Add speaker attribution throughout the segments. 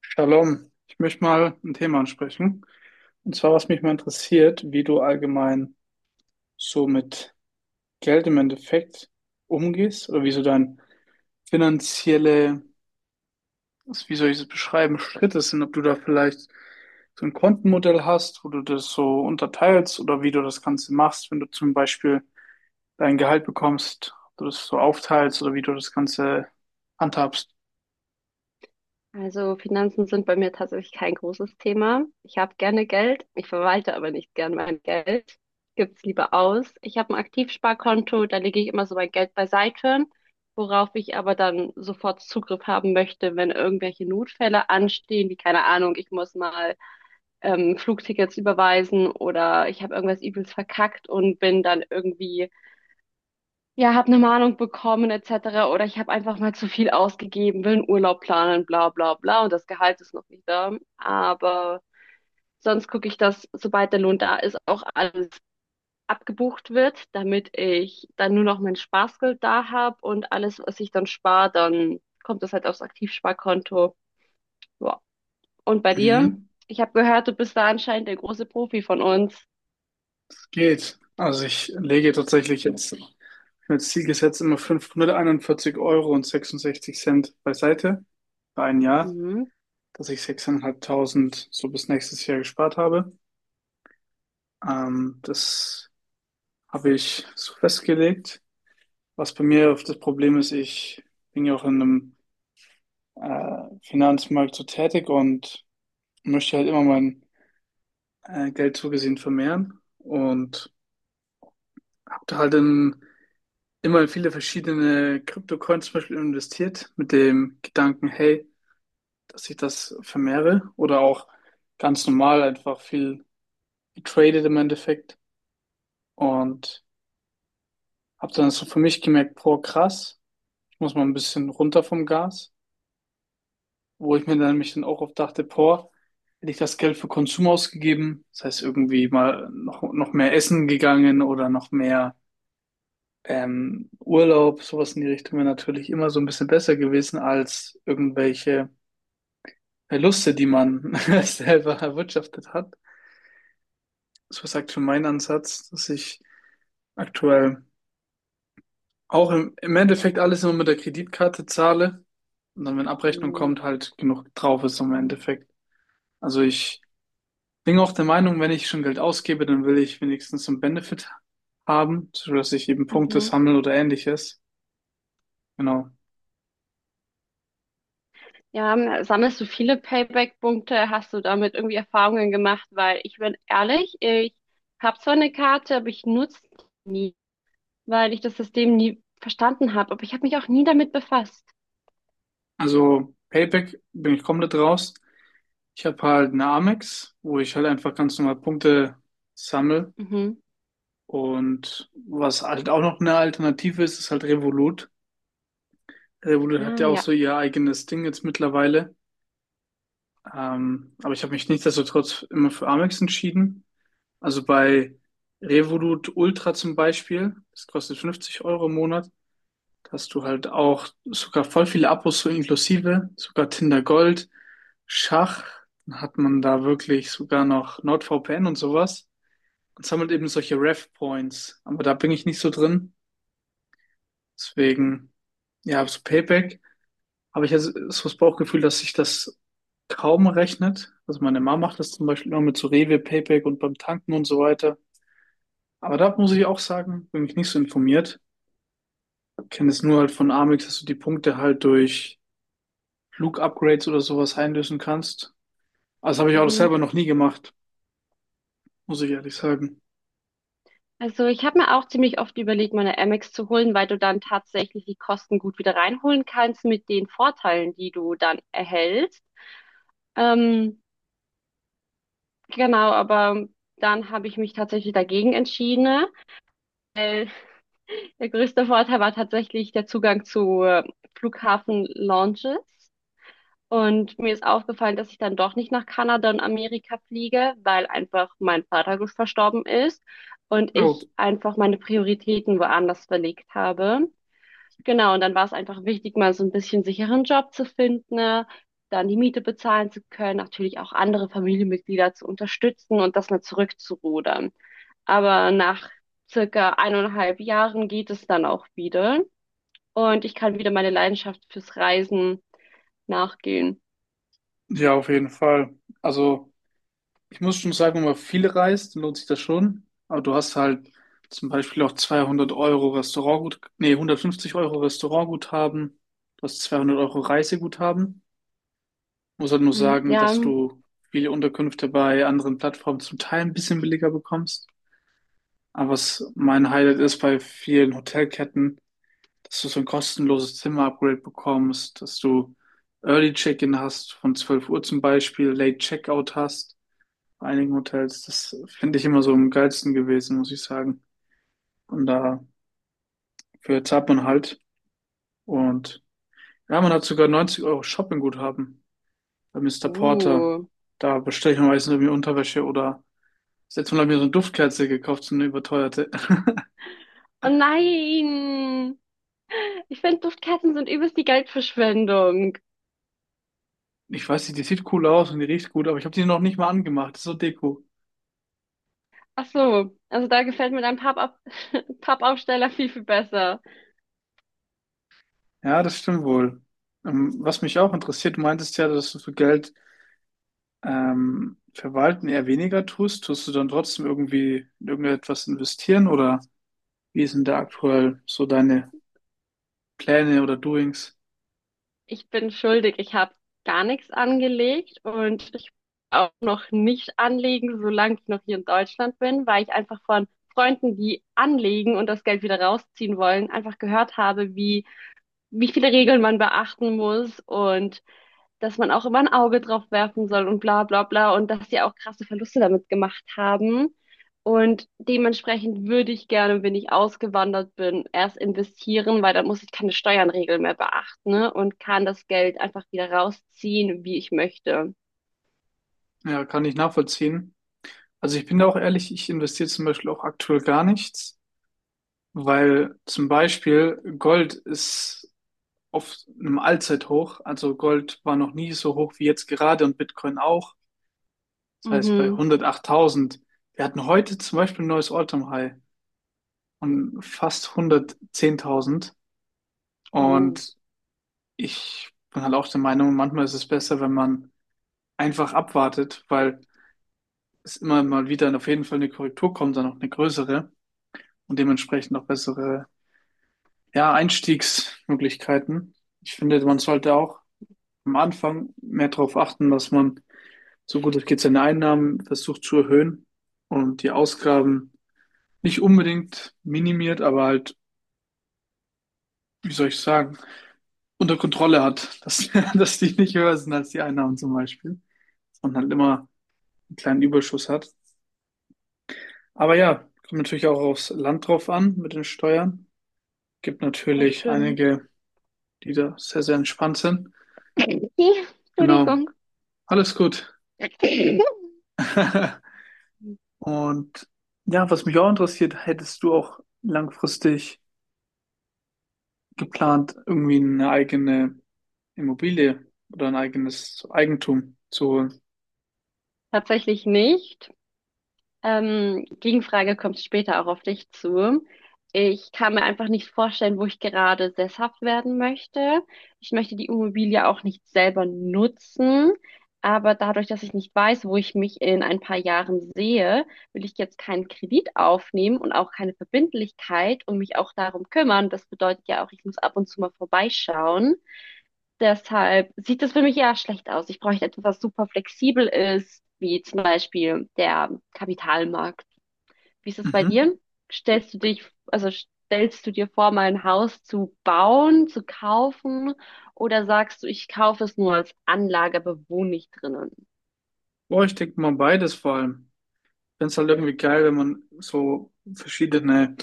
Speaker 1: Shalom, ich möchte mal ein Thema ansprechen. Und zwar, was mich mal interessiert, wie du allgemein so mit Geld im Endeffekt umgehst oder wie so dein finanzielle, also wie soll ich es beschreiben, Schritte sind, ob du da vielleicht so ein Kontenmodell hast, wo du das so unterteilst oder wie du das Ganze machst, wenn du zum Beispiel dein Gehalt bekommst, ob du das so aufteilst oder wie du das Ganze handhabst.
Speaker 2: Also Finanzen sind bei mir tatsächlich kein großes Thema. Ich habe gerne Geld, ich verwalte aber nicht gern mein Geld. Gib's lieber aus. Ich habe ein Aktivsparkonto, da lege ich immer so mein Geld beiseite, worauf ich aber dann sofort Zugriff haben möchte, wenn irgendwelche Notfälle anstehen, wie keine Ahnung, ich muss mal Flugtickets überweisen oder ich habe irgendwas übelst verkackt und bin dann irgendwie ja, habe eine Mahnung bekommen etc. Oder ich habe einfach mal zu viel ausgegeben, will einen Urlaub planen, bla bla bla und das Gehalt ist noch nicht da. Aber sonst gucke ich, dass sobald der Lohn da ist, auch alles abgebucht wird, damit ich dann nur noch mein Spaßgeld da habe und alles, was ich dann spare, dann kommt das halt aufs Aktivsparkonto. Ja. Und bei dir?
Speaker 1: Mhm.
Speaker 2: Ich habe gehört, du bist da anscheinend der große Profi von uns.
Speaker 1: Geht. Also ich lege tatsächlich jetzt. Ich habe als Ziel gesetzt immer 541 Euro und 66 Cent beiseite für ein Jahr,
Speaker 2: Mhm.
Speaker 1: dass ich 6.500 so bis nächstes Jahr gespart habe. Das habe ich so festgelegt. Was bei mir oft das Problem ist, ich bin ja auch in einem Finanzmarkt so tätig und möchte halt immer mein Geld zugesehen vermehren und habe da halt immer in viele verschiedene Kryptocoins zum Beispiel investiert mit dem Gedanken, hey, dass ich das vermehre oder auch ganz normal einfach viel getradet im Endeffekt und habe dann so für mich gemerkt, boah, krass, ich muss mal ein bisschen runter vom Gas, wo ich mir dann mich dann auch oft dachte, boah, hätte ich das Geld für Konsum ausgegeben, das heißt irgendwie mal noch mehr essen gegangen oder noch mehr Urlaub, sowas in die Richtung wäre natürlich immer so ein bisschen besser gewesen als irgendwelche Verluste, die man selber erwirtschaftet hat. So sagt für meinen Ansatz, dass ich aktuell. Auch im Endeffekt alles nur mit der Kreditkarte zahle und dann, wenn Abrechnung kommt, halt genug drauf ist im Endeffekt. Also ich bin auch der Meinung, wenn ich schon Geld ausgebe, dann will ich wenigstens einen Benefit haben, sodass ich eben Punkte
Speaker 2: Mhm.
Speaker 1: sammle oder ähnliches. Genau.
Speaker 2: Ja, sammelst du viele Payback-Punkte? Hast du damit irgendwie Erfahrungen gemacht? Weil ich bin ehrlich, ich habe zwar eine Karte, aber ich nutze die nie, weil ich das System nie verstanden habe. Aber ich habe mich auch nie damit befasst.
Speaker 1: Also Payback bin ich komplett raus. Ich habe halt eine Amex, wo ich halt einfach ganz normal Punkte sammle.
Speaker 2: Mhm.
Speaker 1: Und was halt auch noch eine Alternative ist, ist halt Revolut. Revolut hat
Speaker 2: Ah,
Speaker 1: ja auch
Speaker 2: ja.
Speaker 1: so ihr eigenes Ding jetzt mittlerweile. Aber ich habe mich nichtsdestotrotz immer für Amex entschieden. Also bei Revolut Ultra zum Beispiel, das kostet 50 Euro im Monat. Da hast du halt auch sogar voll viele Abos so inklusive, sogar Tinder Gold, Schach. Dann hat man da wirklich sogar noch NordVPN und sowas. Und sammelt eben solche Rev Points. Aber da bin ich nicht so drin. Deswegen, ja, so Payback habe ich jetzt so das Bauchgefühl, dass sich das kaum rechnet. Also meine Mama macht das zum Beispiel immer mit so Rewe, Payback und beim Tanken und so weiter. Aber da muss ich auch sagen, bin ich nicht so informiert. Kenne es nur halt von Amex, dass du die Punkte halt durch Flug-Upgrades oder sowas einlösen kannst. Also habe ich auch
Speaker 2: Mhm.
Speaker 1: selber noch nie gemacht, muss ich ehrlich sagen.
Speaker 2: Also ich habe mir auch ziemlich oft überlegt, meine Amex zu holen, weil du dann tatsächlich die Kosten gut wieder reinholen kannst mit den Vorteilen, die du dann erhältst. Ähm, genau, aber dann habe ich mich tatsächlich dagegen entschieden. Der größte Vorteil war tatsächlich der Zugang zu Flughafen-Lounges. Und mir ist aufgefallen, dass ich dann doch nicht nach Kanada und Amerika fliege, weil einfach mein Vater verstorben ist und
Speaker 1: Oh,
Speaker 2: ich einfach meine Prioritäten woanders verlegt habe. Genau, und dann war es einfach wichtig, mal so ein bisschen sicheren Job zu finden, ne? Dann die Miete bezahlen zu können, natürlich auch andere Familienmitglieder zu unterstützen und das mal zurückzurudern. Aber nach circa eineinhalb Jahren geht es dann auch wieder und ich kann wieder meine Leidenschaft fürs Reisen nachgehen.
Speaker 1: ja, auf jeden Fall. Also ich muss schon sagen, wenn man viel reist, dann lohnt sich das schon. Aber du hast halt zum Beispiel auch 200 Euro Restaurantgut, nee, 150 Euro Restaurantguthaben. Du hast 200 Euro Reiseguthaben. Muss halt nur
Speaker 2: Mhm.
Speaker 1: sagen,
Speaker 2: Ja,
Speaker 1: dass du viele Unterkünfte bei anderen Plattformen zum Teil ein bisschen billiger bekommst. Aber was mein Highlight ist bei vielen Hotelketten, dass du so ein kostenloses Zimmer-Upgrade bekommst, dass du Early Check-in hast, von 12 Uhr zum Beispiel, Late Checkout hast. Bei einigen Hotels, das finde ich immer so am geilsten gewesen, muss ich sagen. Und da für zahlt man halt. Und ja, man hat sogar 90 Euro Shoppingguthaben bei Mister Porter.
Speaker 2: uh.
Speaker 1: Da bestelle ich mir meistens irgendwie Unterwäsche oder jetzt mal habe ich mir so eine Duftkerze gekauft, so eine überteuerte.
Speaker 2: Oh nein! Ich finde, Duftkerzen sind übelst die Geldverschwendung.
Speaker 1: Ich weiß nicht, die sieht cool aus und die riecht gut, aber ich habe die noch nicht mal angemacht. Das ist so Deko.
Speaker 2: Ach so, also da gefällt mir dein Pappab Pappaufsteller viel, viel besser.
Speaker 1: Ja, das stimmt wohl. Was mich auch interessiert, du meintest ja, dass du für Geld verwalten eher weniger tust. Tust du dann trotzdem irgendwie in irgendetwas investieren oder wie sind da aktuell so deine Pläne oder Doings?
Speaker 2: Ich bin schuldig, ich habe gar nichts angelegt und ich will auch noch nicht anlegen, solange ich noch hier in Deutschland bin, weil ich einfach von Freunden, die anlegen und das Geld wieder rausziehen wollen, einfach gehört habe, wie viele Regeln man beachten muss und dass man auch immer ein Auge drauf werfen soll und bla bla bla und dass die auch krasse Verluste damit gemacht haben. Und dementsprechend würde ich gerne, wenn ich ausgewandert bin, erst investieren, weil dann muss ich keine Steuernregeln mehr beachten, ne? Und kann das Geld einfach wieder rausziehen, wie ich möchte.
Speaker 1: Ja, kann ich nachvollziehen. Also ich bin da auch ehrlich, ich investiere zum Beispiel auch aktuell gar nichts, weil zum Beispiel Gold ist auf einem Allzeithoch. Also Gold war noch nie so hoch wie jetzt gerade und Bitcoin auch. Das heißt bei
Speaker 2: Mhm.
Speaker 1: hundertachttausend. Wir hatten heute zum Beispiel ein neues All-Time-High und fast hundertzehntausend.
Speaker 2: Uh,
Speaker 1: Und ich bin halt auch der Meinung, manchmal ist es besser, wenn man einfach abwartet, weil es immer mal wieder auf jeden Fall eine Korrektur kommt, dann auch eine größere und dementsprechend auch bessere, ja, Einstiegsmöglichkeiten. Ich finde, man sollte auch am Anfang mehr darauf achten, dass man so gut es geht seine Einnahmen versucht zu erhöhen und die Ausgaben nicht unbedingt minimiert, aber halt, wie soll ich sagen, unter Kontrolle hat, dass, dass die nicht höher sind als die Einnahmen zum Beispiel und halt immer einen kleinen Überschuss hat. Aber ja, kommt natürlich auch aufs Land drauf an mit den Steuern. Gibt
Speaker 2: das
Speaker 1: natürlich
Speaker 2: stimmt.
Speaker 1: einige, die da sehr, sehr entspannt sind. Genau.
Speaker 2: Entschuldigung.
Speaker 1: Alles gut. Und ja, was mich auch interessiert, hättest du auch langfristig geplant, irgendwie eine eigene Immobilie oder ein eigenes Eigentum zu holen?
Speaker 2: Tatsächlich nicht. Gegenfrage kommt später auch auf dich zu. Ich kann mir einfach nicht vorstellen, wo ich gerade sesshaft werden möchte. Ich möchte die Immobilie auch nicht selber nutzen. Aber dadurch, dass ich nicht weiß, wo ich mich in ein paar Jahren sehe, will ich jetzt keinen Kredit aufnehmen und auch keine Verbindlichkeit und mich auch darum kümmern. Das bedeutet ja auch, ich muss ab und zu mal vorbeischauen. Deshalb sieht das für mich ja schlecht aus. Ich bräuchte etwas, was super flexibel ist, wie zum Beispiel der Kapitalmarkt. Wie ist das bei
Speaker 1: Mhm.
Speaker 2: dir? Stellst du dich, also stellst du dir vor, mal ein Haus zu bauen, zu kaufen, oder sagst du, ich kaufe es nur als Anlage, aber wohne nicht drinnen?
Speaker 1: Boah, ich denke mal beides vor allem. Ich finde es halt irgendwie geil, wenn man so verschiedene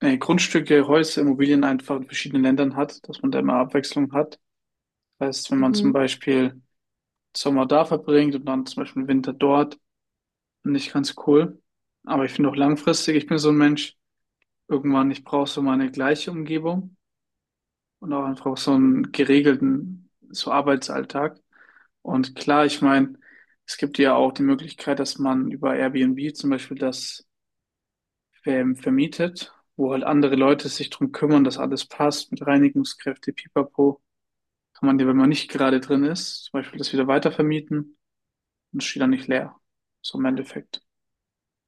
Speaker 1: Grundstücke, Häuser, Immobilien einfach in verschiedenen Ländern hat, dass man da immer Abwechslung hat. Das heißt, wenn man zum
Speaker 2: Mhm.
Speaker 1: Beispiel Sommer da verbringt und dann zum Beispiel Winter dort. Finde ich ganz cool. Aber ich finde auch langfristig, ich bin so ein Mensch, irgendwann, ich brauche so meine gleiche Umgebung und auch einfach so einen geregelten, so Arbeitsalltag. Und klar, ich meine, es gibt ja auch die Möglichkeit, dass man über Airbnb zum Beispiel das vermietet, wo halt andere Leute sich drum kümmern, dass alles passt mit Reinigungskräfte, Pipapo. Kann man dir, wenn man nicht gerade drin ist, zum Beispiel das wieder weitervermieten und es steht dann nicht leer. So im Endeffekt.